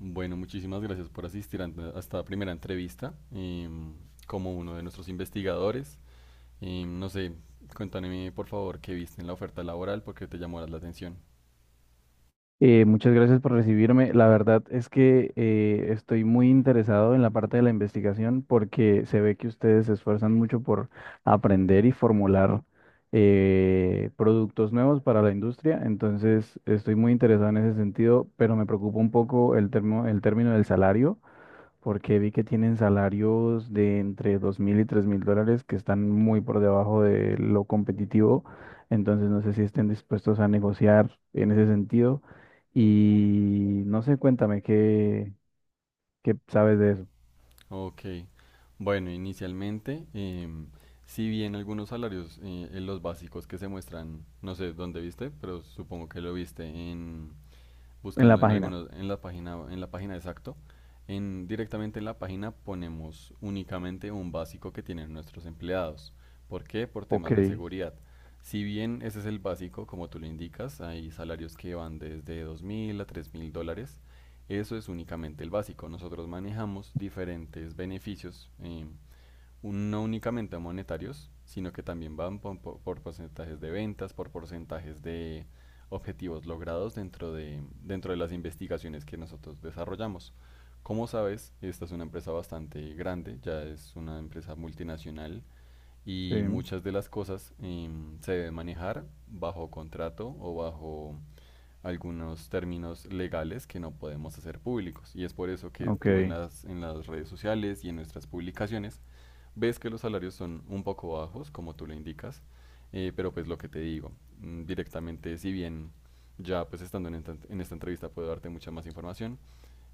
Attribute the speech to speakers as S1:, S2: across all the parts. S1: Bueno, muchísimas gracias por asistir a esta primera entrevista como uno de nuestros investigadores. No sé, cuéntame por favor qué viste en la oferta laboral, porque te llamó la atención.
S2: Muchas gracias por recibirme. La verdad es que estoy muy interesado en la parte de la investigación porque se ve que ustedes se esfuerzan mucho por aprender y formular productos nuevos para la industria. Entonces, estoy muy interesado en ese sentido, pero me preocupa un poco el término del salario porque vi que tienen salarios de entre $2.000 y $3.000 que están muy por debajo de lo competitivo, entonces no sé si estén dispuestos a negociar en ese sentido y no sé, cuéntame qué sabes de eso
S1: Ok, bueno, inicialmente, si bien algunos salarios en los básicos que se muestran, no sé dónde viste, pero supongo que lo viste
S2: en la
S1: buscando
S2: página.
S1: en la página exacto, directamente en la página ponemos únicamente un básico que tienen nuestros empleados. ¿Por qué? Por
S2: Ok,
S1: temas de seguridad. Si bien ese es el básico, como tú lo indicas, hay salarios que van desde $2000 a $3000. Eso es únicamente el básico. Nosotros manejamos diferentes beneficios. No únicamente monetarios, sino que también van porcentajes de ventas, por porcentajes de objetivos logrados dentro de las investigaciones que nosotros desarrollamos. Como sabes, esta es una empresa bastante grande, ya es una empresa multinacional
S2: sí,
S1: y muchas de las cosas se deben manejar bajo contrato o bajo algunos términos legales que no podemos hacer públicos. Y es por eso que tú
S2: ok.
S1: en las redes sociales y en nuestras publicaciones ves que los salarios son un poco bajos, como tú lo indicas, pero pues lo que te digo, directamente, si bien ya pues estando en esta entrevista puedo darte mucha más información,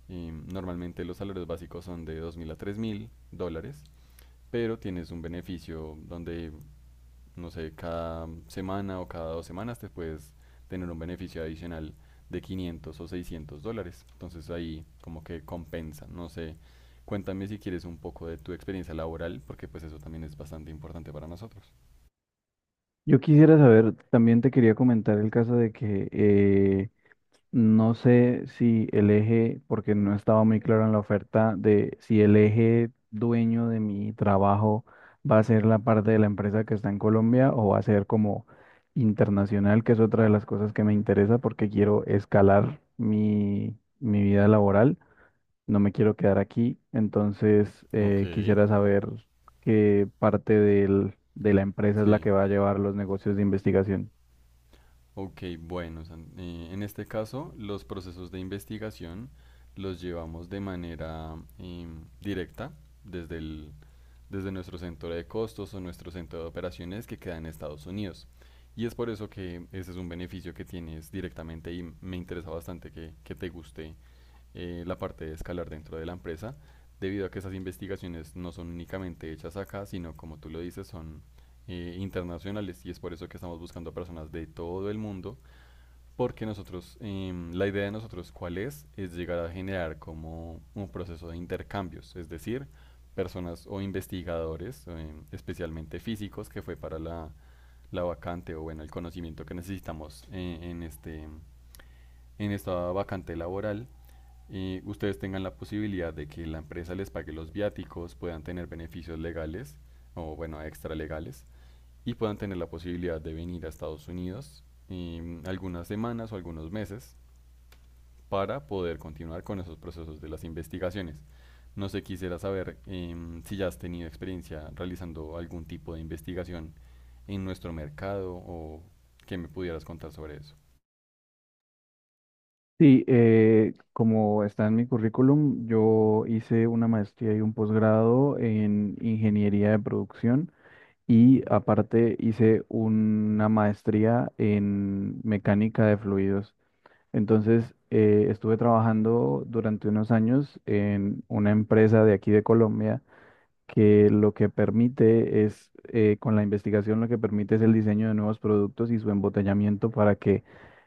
S1: y normalmente los salarios básicos son de $2000 a $3000, pero tienes un beneficio donde no sé, cada semana o cada 2 semanas te puedes tener un beneficio adicional de $500 o $600. Entonces ahí como que compensa, no sé. Cuéntame si quieres un poco de tu experiencia laboral, porque pues eso también es bastante importante para nosotros.
S2: Yo quisiera saber, también te quería comentar el caso de que no sé si el eje, porque no estaba muy claro en la oferta, de si el eje dueño de mi trabajo va a ser la parte de la empresa que está en Colombia o va a ser como internacional, que es otra de las cosas que me interesa porque quiero escalar mi vida laboral. No me quiero quedar aquí, entonces
S1: Ok.
S2: quisiera saber qué de la empresa es la
S1: Sí.
S2: que va a llevar los negocios de investigación.
S1: Ok, bueno, en este caso los procesos de investigación los llevamos de manera directa desde el desde nuestro centro de costos o nuestro centro de operaciones que queda en Estados Unidos. Y es por eso que ese es un beneficio que tienes directamente y me interesa bastante que te guste la parte de escalar dentro de la empresa, debido a que esas investigaciones no son únicamente hechas acá, sino como tú lo dices, son internacionales y es por eso que estamos buscando personas de todo el mundo porque nosotros, la idea de nosotros, ¿cuál es? Es llegar a generar como un proceso de intercambios, es decir, personas o investigadores, especialmente físicos, que fue para la vacante o bueno, el conocimiento que necesitamos en esta vacante laboral. Y ustedes tengan la posibilidad de que la empresa les pague los viáticos, puedan tener beneficios legales o bueno, extralegales y puedan tener la posibilidad de venir a Estados Unidos algunas semanas o algunos meses para poder continuar con esos procesos de las investigaciones. No sé, quisiera saber si ya has tenido experiencia realizando algún tipo de investigación en nuestro mercado o que me pudieras contar sobre eso.
S2: Sí, como está en mi currículum, yo hice una maestría y un posgrado en ingeniería de producción y aparte hice una maestría en mecánica de fluidos. Entonces, estuve trabajando durante unos años en una empresa de aquí de Colombia que lo que permite es, con la investigación, lo que permite es el diseño de nuevos productos y su embotellamiento para que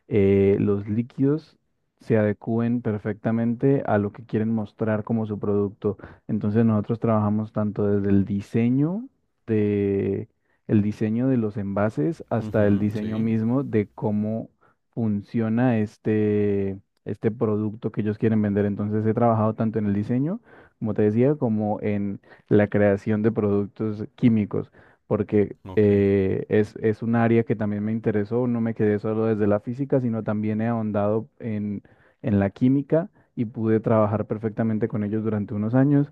S2: los líquidos se adecúen perfectamente a lo que quieren mostrar como su producto. Entonces nosotros trabajamos tanto desde de, el diseño de los envases hasta el
S1: Ujú.
S2: diseño
S1: Sí.
S2: mismo de cómo funciona este producto que ellos quieren vender. Entonces he trabajado tanto en el diseño, como te decía, como en la creación de productos químicos, porque
S1: Ok,
S2: es un área que también me interesó, no me quedé solo desde la física, sino también he ahondado en la química y pude trabajar perfectamente con ellos durante unos años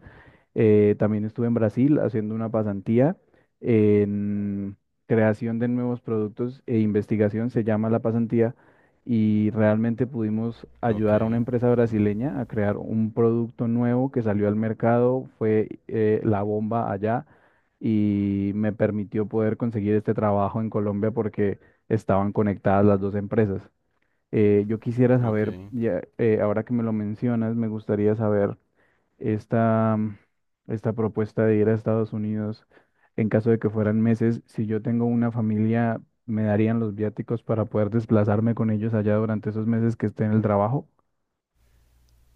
S2: también estuve en Brasil haciendo una pasantía en creación de nuevos productos e investigación, se llama la pasantía, y realmente pudimos
S1: ok,
S2: ayudar a una empresa brasileña a crear un producto nuevo que salió al mercado, fue la bomba allá y me permitió poder conseguir este trabajo en Colombia porque estaban conectadas las dos empresas. Yo quisiera
S1: ok.
S2: saber, ya, ahora que me lo mencionas, me gustaría saber esta, esta propuesta de ir a Estados Unidos en caso de que fueran meses. Si yo tengo una familia, ¿me darían los viáticos para poder desplazarme con ellos allá durante esos meses que esté en el trabajo?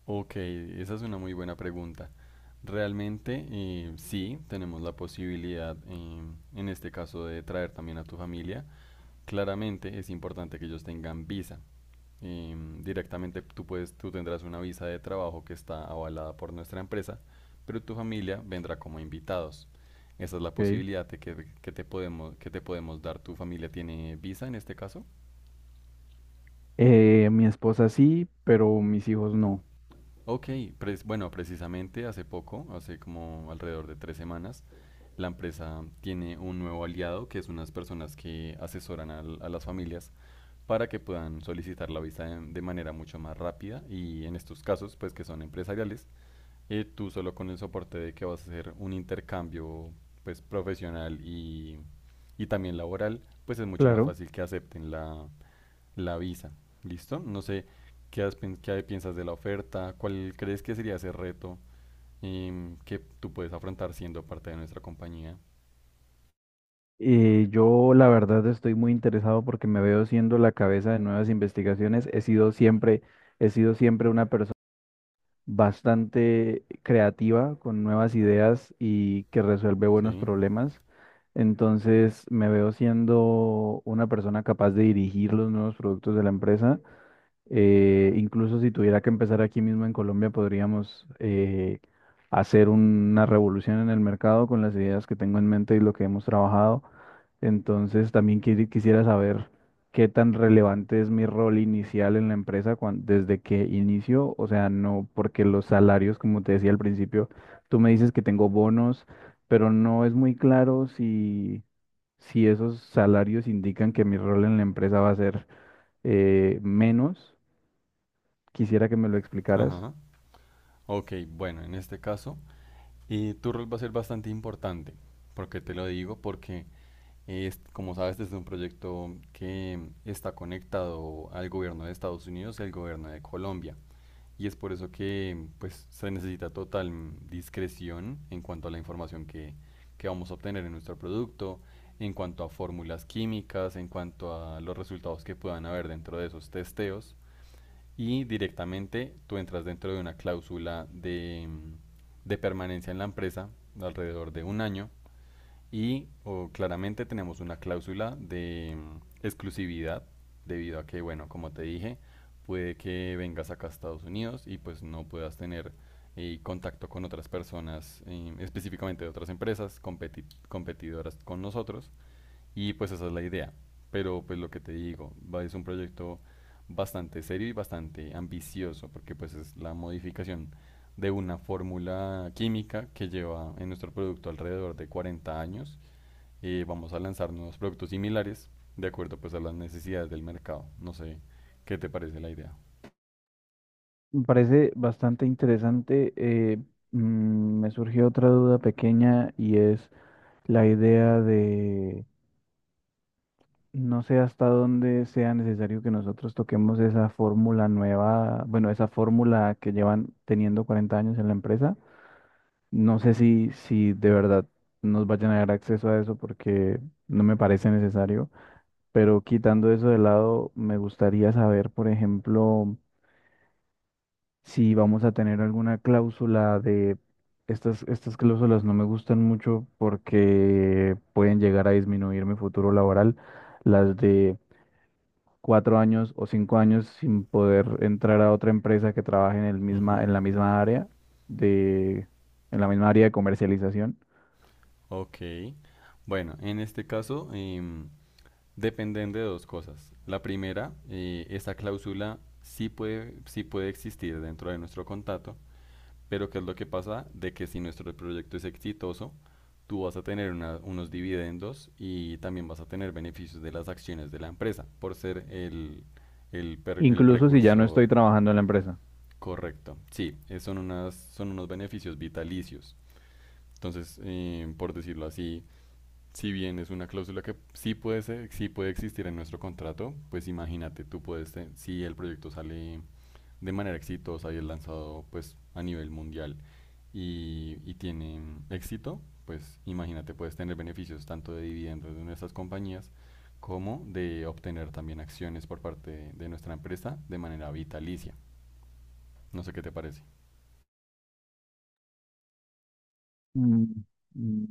S1: Ok, esa es una muy buena pregunta. Realmente sí, tenemos la posibilidad en este caso de traer también a tu familia. Claramente es importante que ellos tengan visa. Directamente tú tendrás una visa de trabajo que está avalada por nuestra empresa, pero tu familia vendrá como invitados. Esa es la
S2: Ok.
S1: posibilidad que te podemos dar. ¿Tu familia tiene visa en este caso?
S2: Mi esposa sí, pero mis hijos no.
S1: Ok, bueno, precisamente hace poco, hace como alrededor de 3 semanas, la empresa tiene un nuevo aliado que es unas personas que asesoran a las familias para que puedan solicitar la visa de manera mucho más rápida y en estos casos, pues que son empresariales, tú solo con el soporte de que vas a hacer un intercambio pues profesional y también laboral, pues es mucho más
S2: Claro.
S1: fácil que acepten la visa. ¿Listo? No sé qué piensas de la oferta, cuál crees que sería ese reto que tú puedes afrontar siendo parte de nuestra compañía.
S2: Yo la verdad estoy muy interesado porque me veo siendo la cabeza de nuevas investigaciones. He sido siempre una persona bastante creativa, con nuevas ideas y que resuelve buenos
S1: Sí.
S2: problemas. Entonces me veo siendo una persona capaz de dirigir los nuevos productos de la empresa incluso si tuviera que empezar aquí mismo en Colombia, podríamos hacer una revolución en el mercado con las ideas que tengo en mente y lo que hemos trabajado. Entonces, también quisiera saber qué tan relevante es mi rol inicial en la empresa desde que inicio. O sea, no porque los salarios, como te decía al principio, tú me dices que tengo bonos, pero no es muy claro si esos salarios indican que mi rol en la empresa va a ser menos. Quisiera que me lo explicaras.
S1: Ajá. Ok, bueno, en este caso, tu rol va a ser bastante importante. ¿Por qué te lo digo? Como sabes, este es un proyecto que está conectado al gobierno de Estados Unidos y al gobierno de Colombia. Y es por eso que pues, se necesita total discreción en cuanto a la información que vamos a obtener en nuestro producto, en cuanto a fórmulas químicas, en cuanto a los resultados que puedan haber dentro de esos testeos. Y directamente tú entras dentro de una cláusula de permanencia en la empresa de alrededor de un año claramente tenemos una cláusula de exclusividad, debido a que, bueno, como te dije, puede que vengas acá a Estados Unidos y pues no puedas tener contacto con otras personas, específicamente de otras empresas competidoras con nosotros. Y pues esa es la idea. Pero pues lo que te digo, es un proyecto bastante serio y bastante ambicioso, porque pues es la modificación de una fórmula química que lleva en nuestro producto alrededor de 40 años. Vamos a lanzar nuevos productos similares de acuerdo pues a las necesidades del mercado. No sé, ¿qué te parece la idea?
S2: Me parece bastante interesante. Me surgió otra duda pequeña y es la idea de no sé hasta dónde sea necesario que nosotros toquemos esa fórmula nueva, bueno, esa fórmula que llevan teniendo 40 años en la empresa. No sé si de verdad nos vayan a dar acceso a eso porque no me parece necesario, pero quitando eso de lado, me gustaría saber, por ejemplo, si vamos a tener alguna cláusula de estas, estas cláusulas no me gustan mucho porque pueden llegar a disminuir mi futuro laboral, las de 4 años o 5 años sin poder entrar a otra empresa que trabaje
S1: Ujú.
S2: en la misma área de, en la misma área de comercialización,
S1: Ok. Bueno, en este caso dependen de dos cosas. La primera, esa cláusula sí puede existir dentro de nuestro contrato, pero ¿qué es lo que pasa? De que si nuestro proyecto es exitoso, tú vas a tener unos dividendos y también vas a tener beneficios de las acciones de la empresa por ser el
S2: incluso si ya no
S1: precursor.
S2: estoy trabajando en la empresa.
S1: Correcto, sí, son unos beneficios vitalicios. Entonces, por decirlo así, si bien es una cláusula que sí puede existir en nuestro contrato, pues imagínate, si el proyecto sale de manera exitosa y es lanzado pues a nivel mundial y tiene éxito, pues imagínate, puedes tener beneficios tanto de dividendos de nuestras compañías como de obtener también acciones por parte de nuestra empresa de manera vitalicia. No sé qué te parece.
S2: Mm, mm,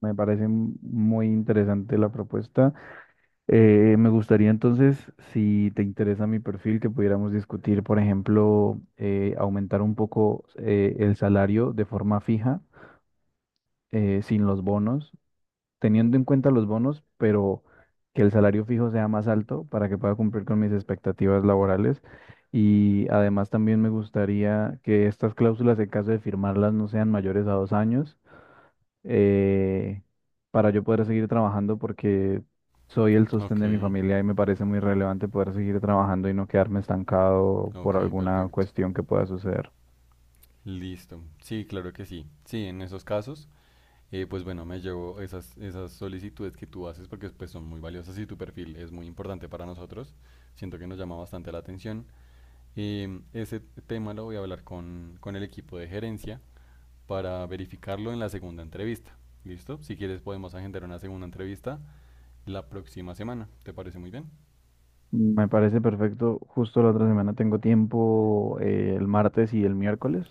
S2: Me parece muy interesante la propuesta. Me gustaría entonces, si te interesa mi perfil, que pudiéramos discutir, por ejemplo, aumentar un poco el salario de forma fija, sin los bonos, teniendo en cuenta los bonos, pero que el salario fijo sea más alto para que pueda cumplir con mis expectativas laborales. Y además también me gustaría que estas cláusulas, en caso de firmarlas, no sean mayores a 2 años eh, para yo poder seguir trabajando porque soy el sostén
S1: Ok.
S2: de mi familia y me parece muy relevante poder seguir trabajando y no quedarme estancado por
S1: Ok,
S2: alguna
S1: perfecto.
S2: cuestión que pueda suceder.
S1: Listo. Sí, claro que sí. Sí, en esos casos, pues bueno, me llevo esas solicitudes que tú haces porque pues son muy valiosas y tu perfil es muy importante para nosotros. Siento que nos llama bastante la atención. Ese tema lo voy a hablar con el equipo de gerencia para verificarlo en la segunda entrevista. ¿Listo? Si quieres podemos agendar una segunda entrevista la próxima semana. ¿Te parece muy bien?
S2: Me parece perfecto. Justo la otra semana tengo tiempo, el martes y el miércoles.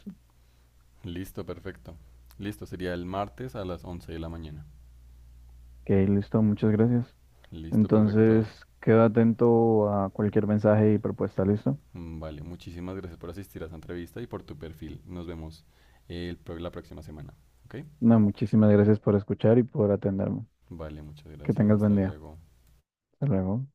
S1: Listo, perfecto. Listo, sería el martes a las 11 de la mañana.
S2: Ok, listo, muchas gracias.
S1: Listo,
S2: Entonces,
S1: perfecto.
S2: quedo atento a cualquier mensaje y propuesta, ¿listo?
S1: Vale, muchísimas gracias por asistir a esta entrevista y por tu perfil. Nos vemos la próxima semana. ¿Ok?
S2: No, muchísimas gracias por escuchar y por atenderme.
S1: Vale, muchas
S2: Que
S1: gracias.
S2: tengas
S1: Hasta
S2: buen día.
S1: luego.
S2: Hasta luego.